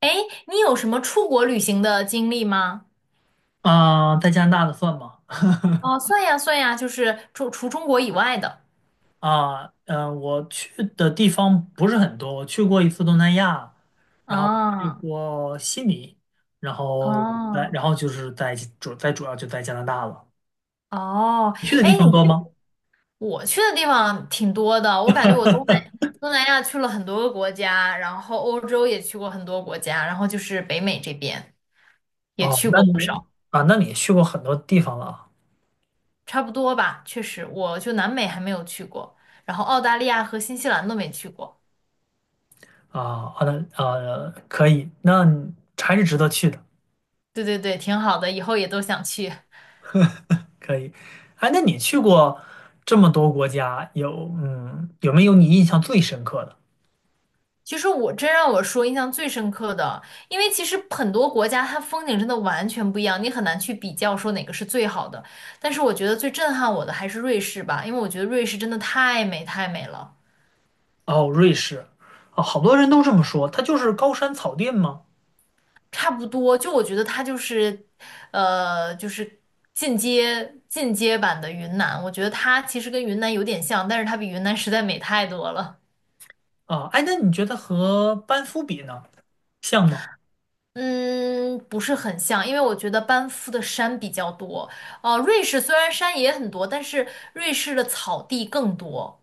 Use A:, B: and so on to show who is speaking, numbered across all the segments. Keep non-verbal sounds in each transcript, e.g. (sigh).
A: 哎，你有什么出国旅行的经历吗？
B: 啊，在加拿大的算吗？
A: 哦，算呀算呀，就是除中国以外的。
B: 啊，我去的地方不是很多，我去过一次东南亚，然后去
A: 啊
B: 过悉尼，然后在，
A: 啊
B: 然后就是在主在主要就在加拿大了。
A: 哦，
B: 你去的
A: 哎，
B: 地方多吗？
A: 我去的地方挺多的，我感觉我东南东南亚去了很多个国家，然后欧洲也去过很多国家，然后就是北美这边也
B: 哦，
A: 去过不少，
B: 那你也去过很多地方了啊。
A: 差不多吧。确实，我就南美还没有去过，然后澳大利亚和新西兰都没去过。
B: 啊，好的，可以，那你还是值得去的，
A: 对对对，挺好的，以后也都想去。
B: 可以。哎，那你去过这么多国家，有没有你印象最深刻的？
A: 其实我真让我说印象最深刻的，因为其实很多国家它风景真的完全不一样，你很难去比较说哪个是最好的。但是我觉得最震撼我的还是瑞士吧，因为我觉得瑞士真的太美太美了，
B: 哦，瑞士，啊，好多人都这么说，它就是高山草甸吗？
A: 差不多就我觉得它就是，就是进阶版的云南，我觉得它其实跟云南有点像，但是它比云南实在美太多了。
B: 啊，哎，那你觉得和班夫比呢，像吗？
A: 嗯，不是很像，因为我觉得班夫的山比较多。呃，瑞士虽然山也很多，但是瑞士的草地更多。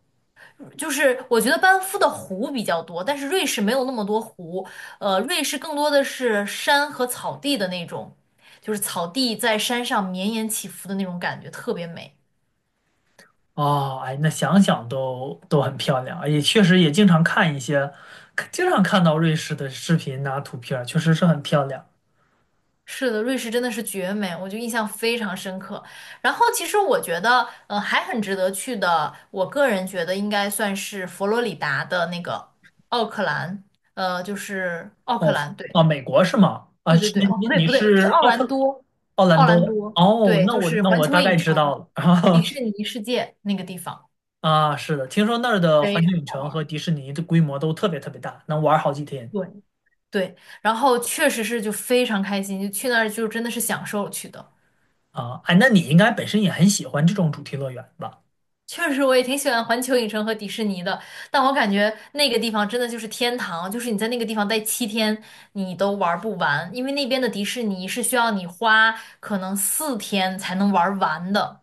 A: 就是我觉得班夫的湖比较多，但是瑞士没有那么多湖。呃，瑞士更多的是山和草地的那种，就是草地在山上绵延起伏的那种感觉，特别美。
B: 哦，哎，那想想都很漂亮，也确实也经常看一些，经常看到瑞士的视频呐、图片儿确实是很漂亮。
A: 是的，瑞士真的是绝美，我就印象非常深刻。然后其实我觉得，还很值得去的，我个人觉得应该算是佛罗里达的那个奥克兰，呃，就是奥克
B: 哦，
A: 兰，对，
B: 啊，美国是吗？啊，
A: 对对
B: 是
A: 对，哦，不
B: 你
A: 对
B: 你
A: 不对，是
B: 是
A: 奥
B: 奥
A: 兰
B: 克
A: 多，
B: 奥兰
A: 奥兰
B: 多？
A: 多，
B: 哦，
A: 对，
B: 那
A: 就
B: 我
A: 是
B: 那
A: 环
B: 我
A: 球
B: 大概
A: 影
B: 知
A: 城、
B: 道了。
A: 迪
B: (laughs)
A: 士尼世界那个地方，
B: 啊，是的，听说那儿的
A: 非
B: 环
A: 常
B: 球影
A: 好
B: 城
A: 玩
B: 和
A: 儿。
B: 迪士尼的规模都特别特别大，能玩儿好几天。
A: 对对，然后确实是就非常开心，就去那儿就真的是享受去的。
B: 啊，哎，那你应该本身也很喜欢这种主题乐园吧？
A: 确实，我也挺喜欢环球影城和迪士尼的，但我感觉那个地方真的就是天堂，就是你在那个地方待7天，你都玩不完，因为那边的迪士尼是需要你花可能4天才能玩完的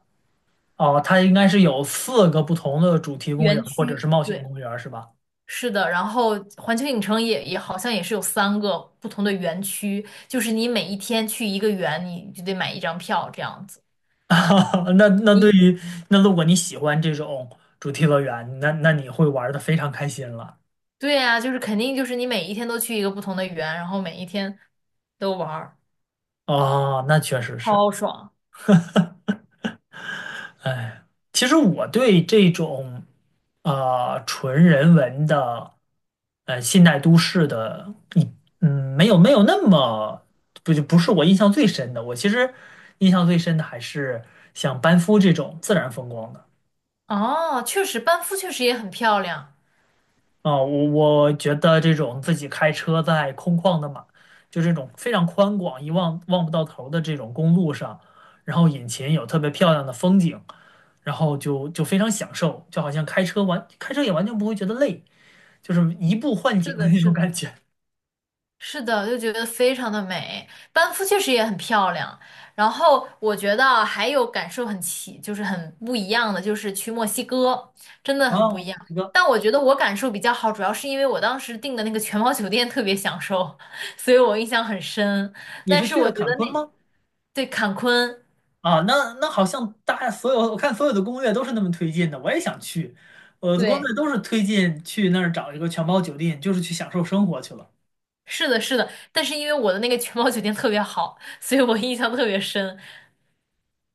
B: 哦，它应该是有4个不同的主题公园
A: 园
B: 或者
A: 区。
B: 是冒险
A: 对，
B: 公园，是吧？
A: 是的，然后环球影城也好像也是有3个不同的园区，就是你每一天去一个园，你就得买一张票这样子。
B: (laughs) 那那对
A: 你
B: 于那如果你喜欢这种主题乐园，那你会玩的非常开心了。
A: 对呀，就是肯定就是你每一天都去一个不同的园，然后每一天都玩儿，
B: 哦，那确实是。
A: 超爽。
B: 哎，其实我对这种纯人文的现代都市的，没有那么不是我印象最深的。我其实印象最深的还是像班夫这种自然风光的。
A: 哦，确实，班夫确实也很漂亮。
B: 啊，我觉得这种自己开车在空旷的马，就这种非常宽广、望不到头的这种公路上，然后眼前有特别漂亮的风景，然后就非常享受，就好像开车也完全不会觉得累，就是移步换
A: 是
B: 景的
A: 的，
B: 那
A: 是
B: 种
A: 的，
B: 感觉。(laughs)
A: 是的，就觉得非常的美。班夫确实也很漂亮。然后我觉得啊还有感受很奇，就是很不一样的，就是去墨西哥，真的很不
B: 啊。
A: 一样。
B: 墨西哥，
A: 但我觉得我感受比较好，主要是因为我当时订的那个全包酒店特别享受，(laughs) 所以我印象很深。
B: 你
A: 但
B: 是
A: 是
B: 去的
A: 我觉
B: 坎
A: 得
B: 昆
A: 那，
B: 吗？
A: 对，坎昆，
B: 啊，那好像大家所有我看所有的攻略都是那么推荐的，我也想去，我的攻略
A: 对，
B: 都是推荐去那儿找一个全包酒店，就是去享受生活去了。
A: 是的，是的。但是因为我的那个全包酒店特别好，所以我印象特别深。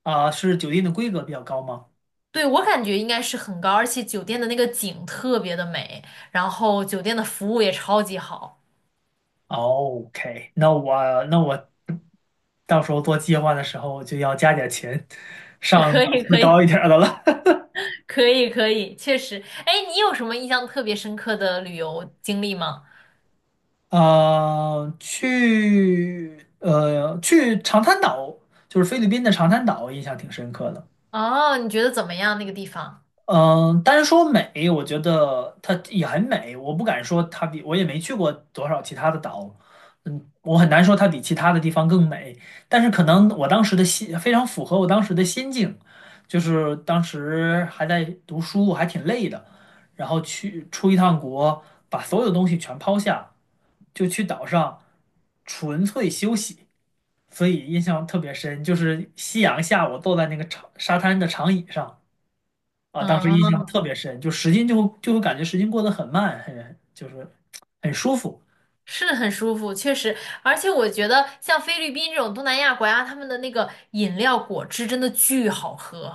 B: 啊，是酒店的规格比较高吗
A: 对，我感觉应该是很高，而且酒店的那个景特别的美，然后酒店的服务也超级好。
B: ？OK，那我到时候做计划的时候就要加点钱，
A: (laughs)
B: 上
A: 可
B: 档
A: 以，
B: 次
A: 可
B: 高
A: 以，
B: 一点儿的了。
A: 可以，可以，确实。哎，你有什么印象特别深刻的旅游经历吗？
B: (laughs) 啊，去长滩岛，就是菲律宾的长滩岛，印象挺深刻的。
A: 哦，你觉得怎么样那个地方？
B: 嗯，单说美，我觉得它也很美，我不敢说它比，我也没去过多少其他的岛，嗯，我很难说它比其他的地方更美，但是可能我当时的心非常符合我当时的心境，就是当时还在读书，还挺累的，然后去出一趟国，把所有东西全抛下，就去岛上纯粹休息，所以印象特别深，就是夕阳下我坐在那个长沙滩的长椅上。啊，当时印
A: 嗯，
B: 象特别深，时间就会感觉时间过得很慢，很舒服。
A: 是很舒服，确实。而且我觉得像菲律宾这种东南亚国家，他们的那个饮料果汁真的巨好喝，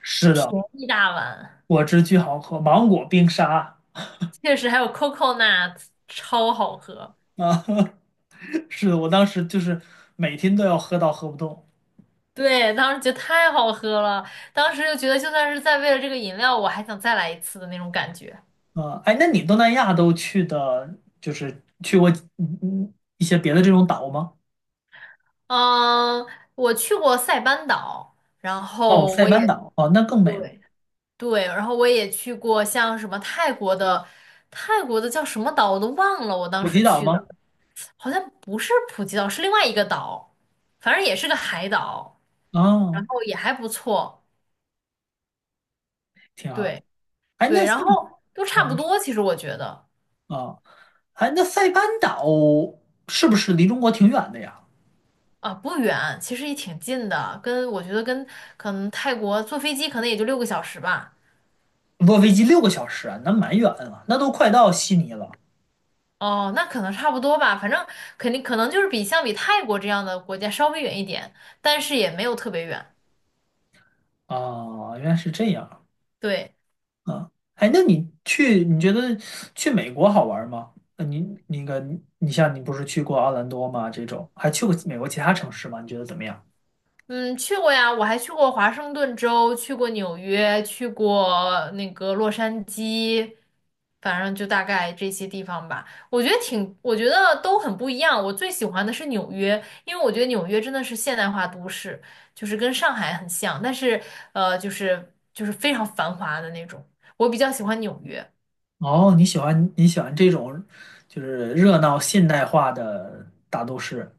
B: 是
A: 便
B: 的，
A: 宜大碗，
B: 果汁巨好喝，芒果冰沙
A: 确实还有 coconut 超好喝。
B: 啊，(laughs) 是的，我当时就是每天都要喝到喝不动
A: 对，当时觉得太好喝了，当时就觉得就算是再为了这个饮料，我还想再来一次的那种感觉。
B: 啊。哎，那你东南亚都去的，就是去过一些别的这种岛吗？
A: 嗯，我去过塞班岛，然
B: 哦，
A: 后
B: 塞
A: 我
B: 班
A: 也
B: 岛哦，那更美了。
A: 对对，然后我也去过像什么泰国的，泰国的叫什么岛我都忘了，我当
B: 普吉
A: 时
B: 岛
A: 去
B: 吗？
A: 的好像不是普吉岛，是另外一个岛，反正也是个海岛，然
B: 哦，
A: 后也还不错，
B: 挺好。
A: 对
B: 哎，
A: 对，
B: 那
A: 然
B: 像
A: 后都
B: 啊，
A: 差不
B: 你说
A: 多，其实我觉得。
B: 啊，哎，那塞班岛是不是离中国挺远的呀？
A: 啊，不远，其实也挺近的，我觉得跟可能泰国坐飞机可能也就6个小时吧。
B: 坐飞机6个小时啊，那蛮远了，那都快到悉尼了。
A: 哦，那可能差不多吧，反正肯定可能就是比相比泰国这样的国家稍微远一点，但是也没有特别远。
B: 哦，原来是这样
A: 对。
B: 啊。哎，那你去，你觉得去美国好玩吗？那你那个，你像你不是去过奥兰多吗？这种还去过美国其他城市吗？你觉得怎么样？
A: 嗯，去过呀，我还去过华盛顿州，去过纽约，去过那个洛杉矶，反正就大概这些地方吧。我觉得挺，我觉得都很不一样。我最喜欢的是纽约，因为我觉得纽约真的是现代化都市，就是跟上海很像，但是就是非常繁华的那种。我比较喜欢纽约。
B: 哦，你喜欢这种就是热闹现代化的大都市。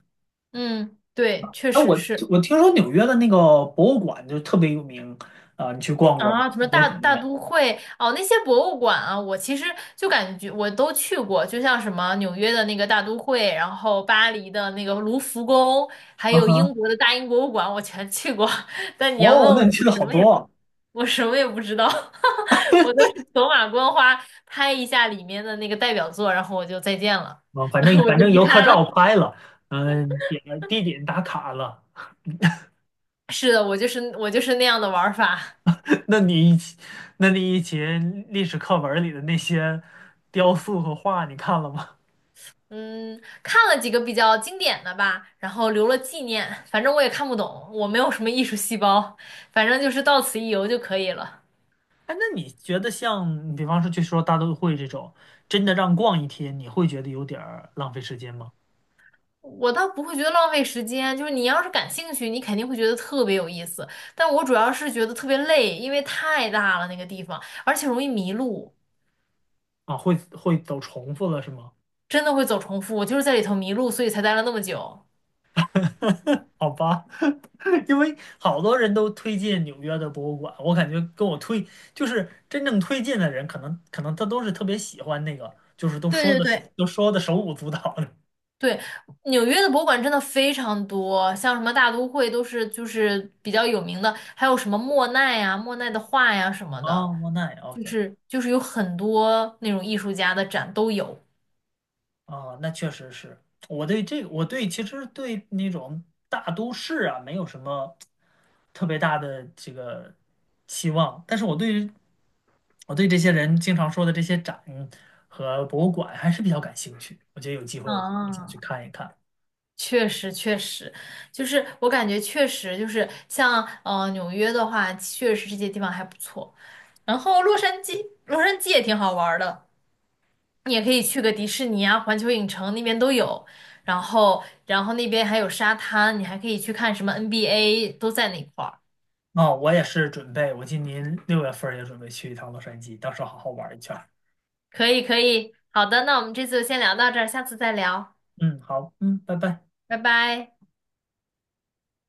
A: 嗯，对，确
B: 哎，我
A: 实是。
B: 我听说纽约的那个博物馆就特别有名啊，你去逛过吗？
A: 啊，什么
B: 你觉得
A: 大
B: 怎么
A: 大
B: 样？
A: 都会哦，那些博物馆啊，我其实就感觉我都去过，就像什么纽约的那个大都会，然后巴黎的那个卢浮宫，还
B: 啊
A: 有
B: 哈，
A: 英国的大英博物馆，我全去过。(laughs) 但你要问
B: 哦，
A: 我，
B: 那你去的好多啊
A: 我什么也不知道，(laughs) 我都是走马观花拍一下里面的那个代表作，然后我就再见了，
B: 啊，反
A: (laughs)
B: 正
A: 我就
B: 反正
A: 离
B: 游客
A: 开
B: 照
A: 了。
B: 拍了，地点打卡了。
A: (laughs) 是的，我就是那样的玩儿法。
B: (laughs) 那你以前，那你以前历史课文里的那些雕塑和画，你看了吗？
A: 嗯，看了几个比较经典的吧，然后留了纪念。反正我也看不懂，我没有什么艺术细胞，反正就是到此一游就可以了。
B: 哎，那你觉得像，比方说说大都会这种，真的让逛一天，你会觉得有点儿浪费时间吗？
A: 我倒不会觉得浪费时间，就是你要是感兴趣，你肯定会觉得特别有意思。但我主要是觉得特别累，因为太大了那个地方，而且容易迷路，
B: 啊，会走重复了是吗？
A: 真的会走重复。我就是在里头迷路，所以才待了那么久。
B: (laughs) 好吧，(laughs) 因为好多人都推荐纽约的博物馆，我感觉跟我推就是真正推荐的人，可能他都是特别喜欢那个，就是都
A: 对
B: 说
A: 对
B: 的
A: 对，
B: 都说的手舞足蹈的。
A: 对，纽约的博物馆真的非常多，像什么大都会都是就是比较有名的，还有什么莫奈呀、莫奈的画呀什
B: (laughs)
A: 么
B: 哦，
A: 的，
B: 莫奈
A: 就
B: ，OK，
A: 是就是有很多那种艺术家的展都有。
B: 哦，那确实是。我对这个，我对其实对那种大都市啊，没有什么特别大的这个期望，但是我对这些人经常说的这些展和博物馆还是比较感兴趣。我觉得有机会我肯定想
A: 啊，
B: 去看一看。
A: 确实确实，就是我感觉确实就是像呃纽约的话，确实这些地方还不错，然后洛杉矶，洛杉矶也挺好玩儿的。你也可以去个迪士尼啊、环球影城那边都有，然后那边还有沙滩，你还可以去看什么 NBA 都在那块儿。
B: 哦，我也是准备，我今年6月份儿也准备去一趟洛杉矶，到时候好好玩儿一圈儿。
A: 可以可以，好的，那我们这次就先聊到这儿，下次再聊，
B: 嗯，好，嗯，拜拜。
A: 拜拜。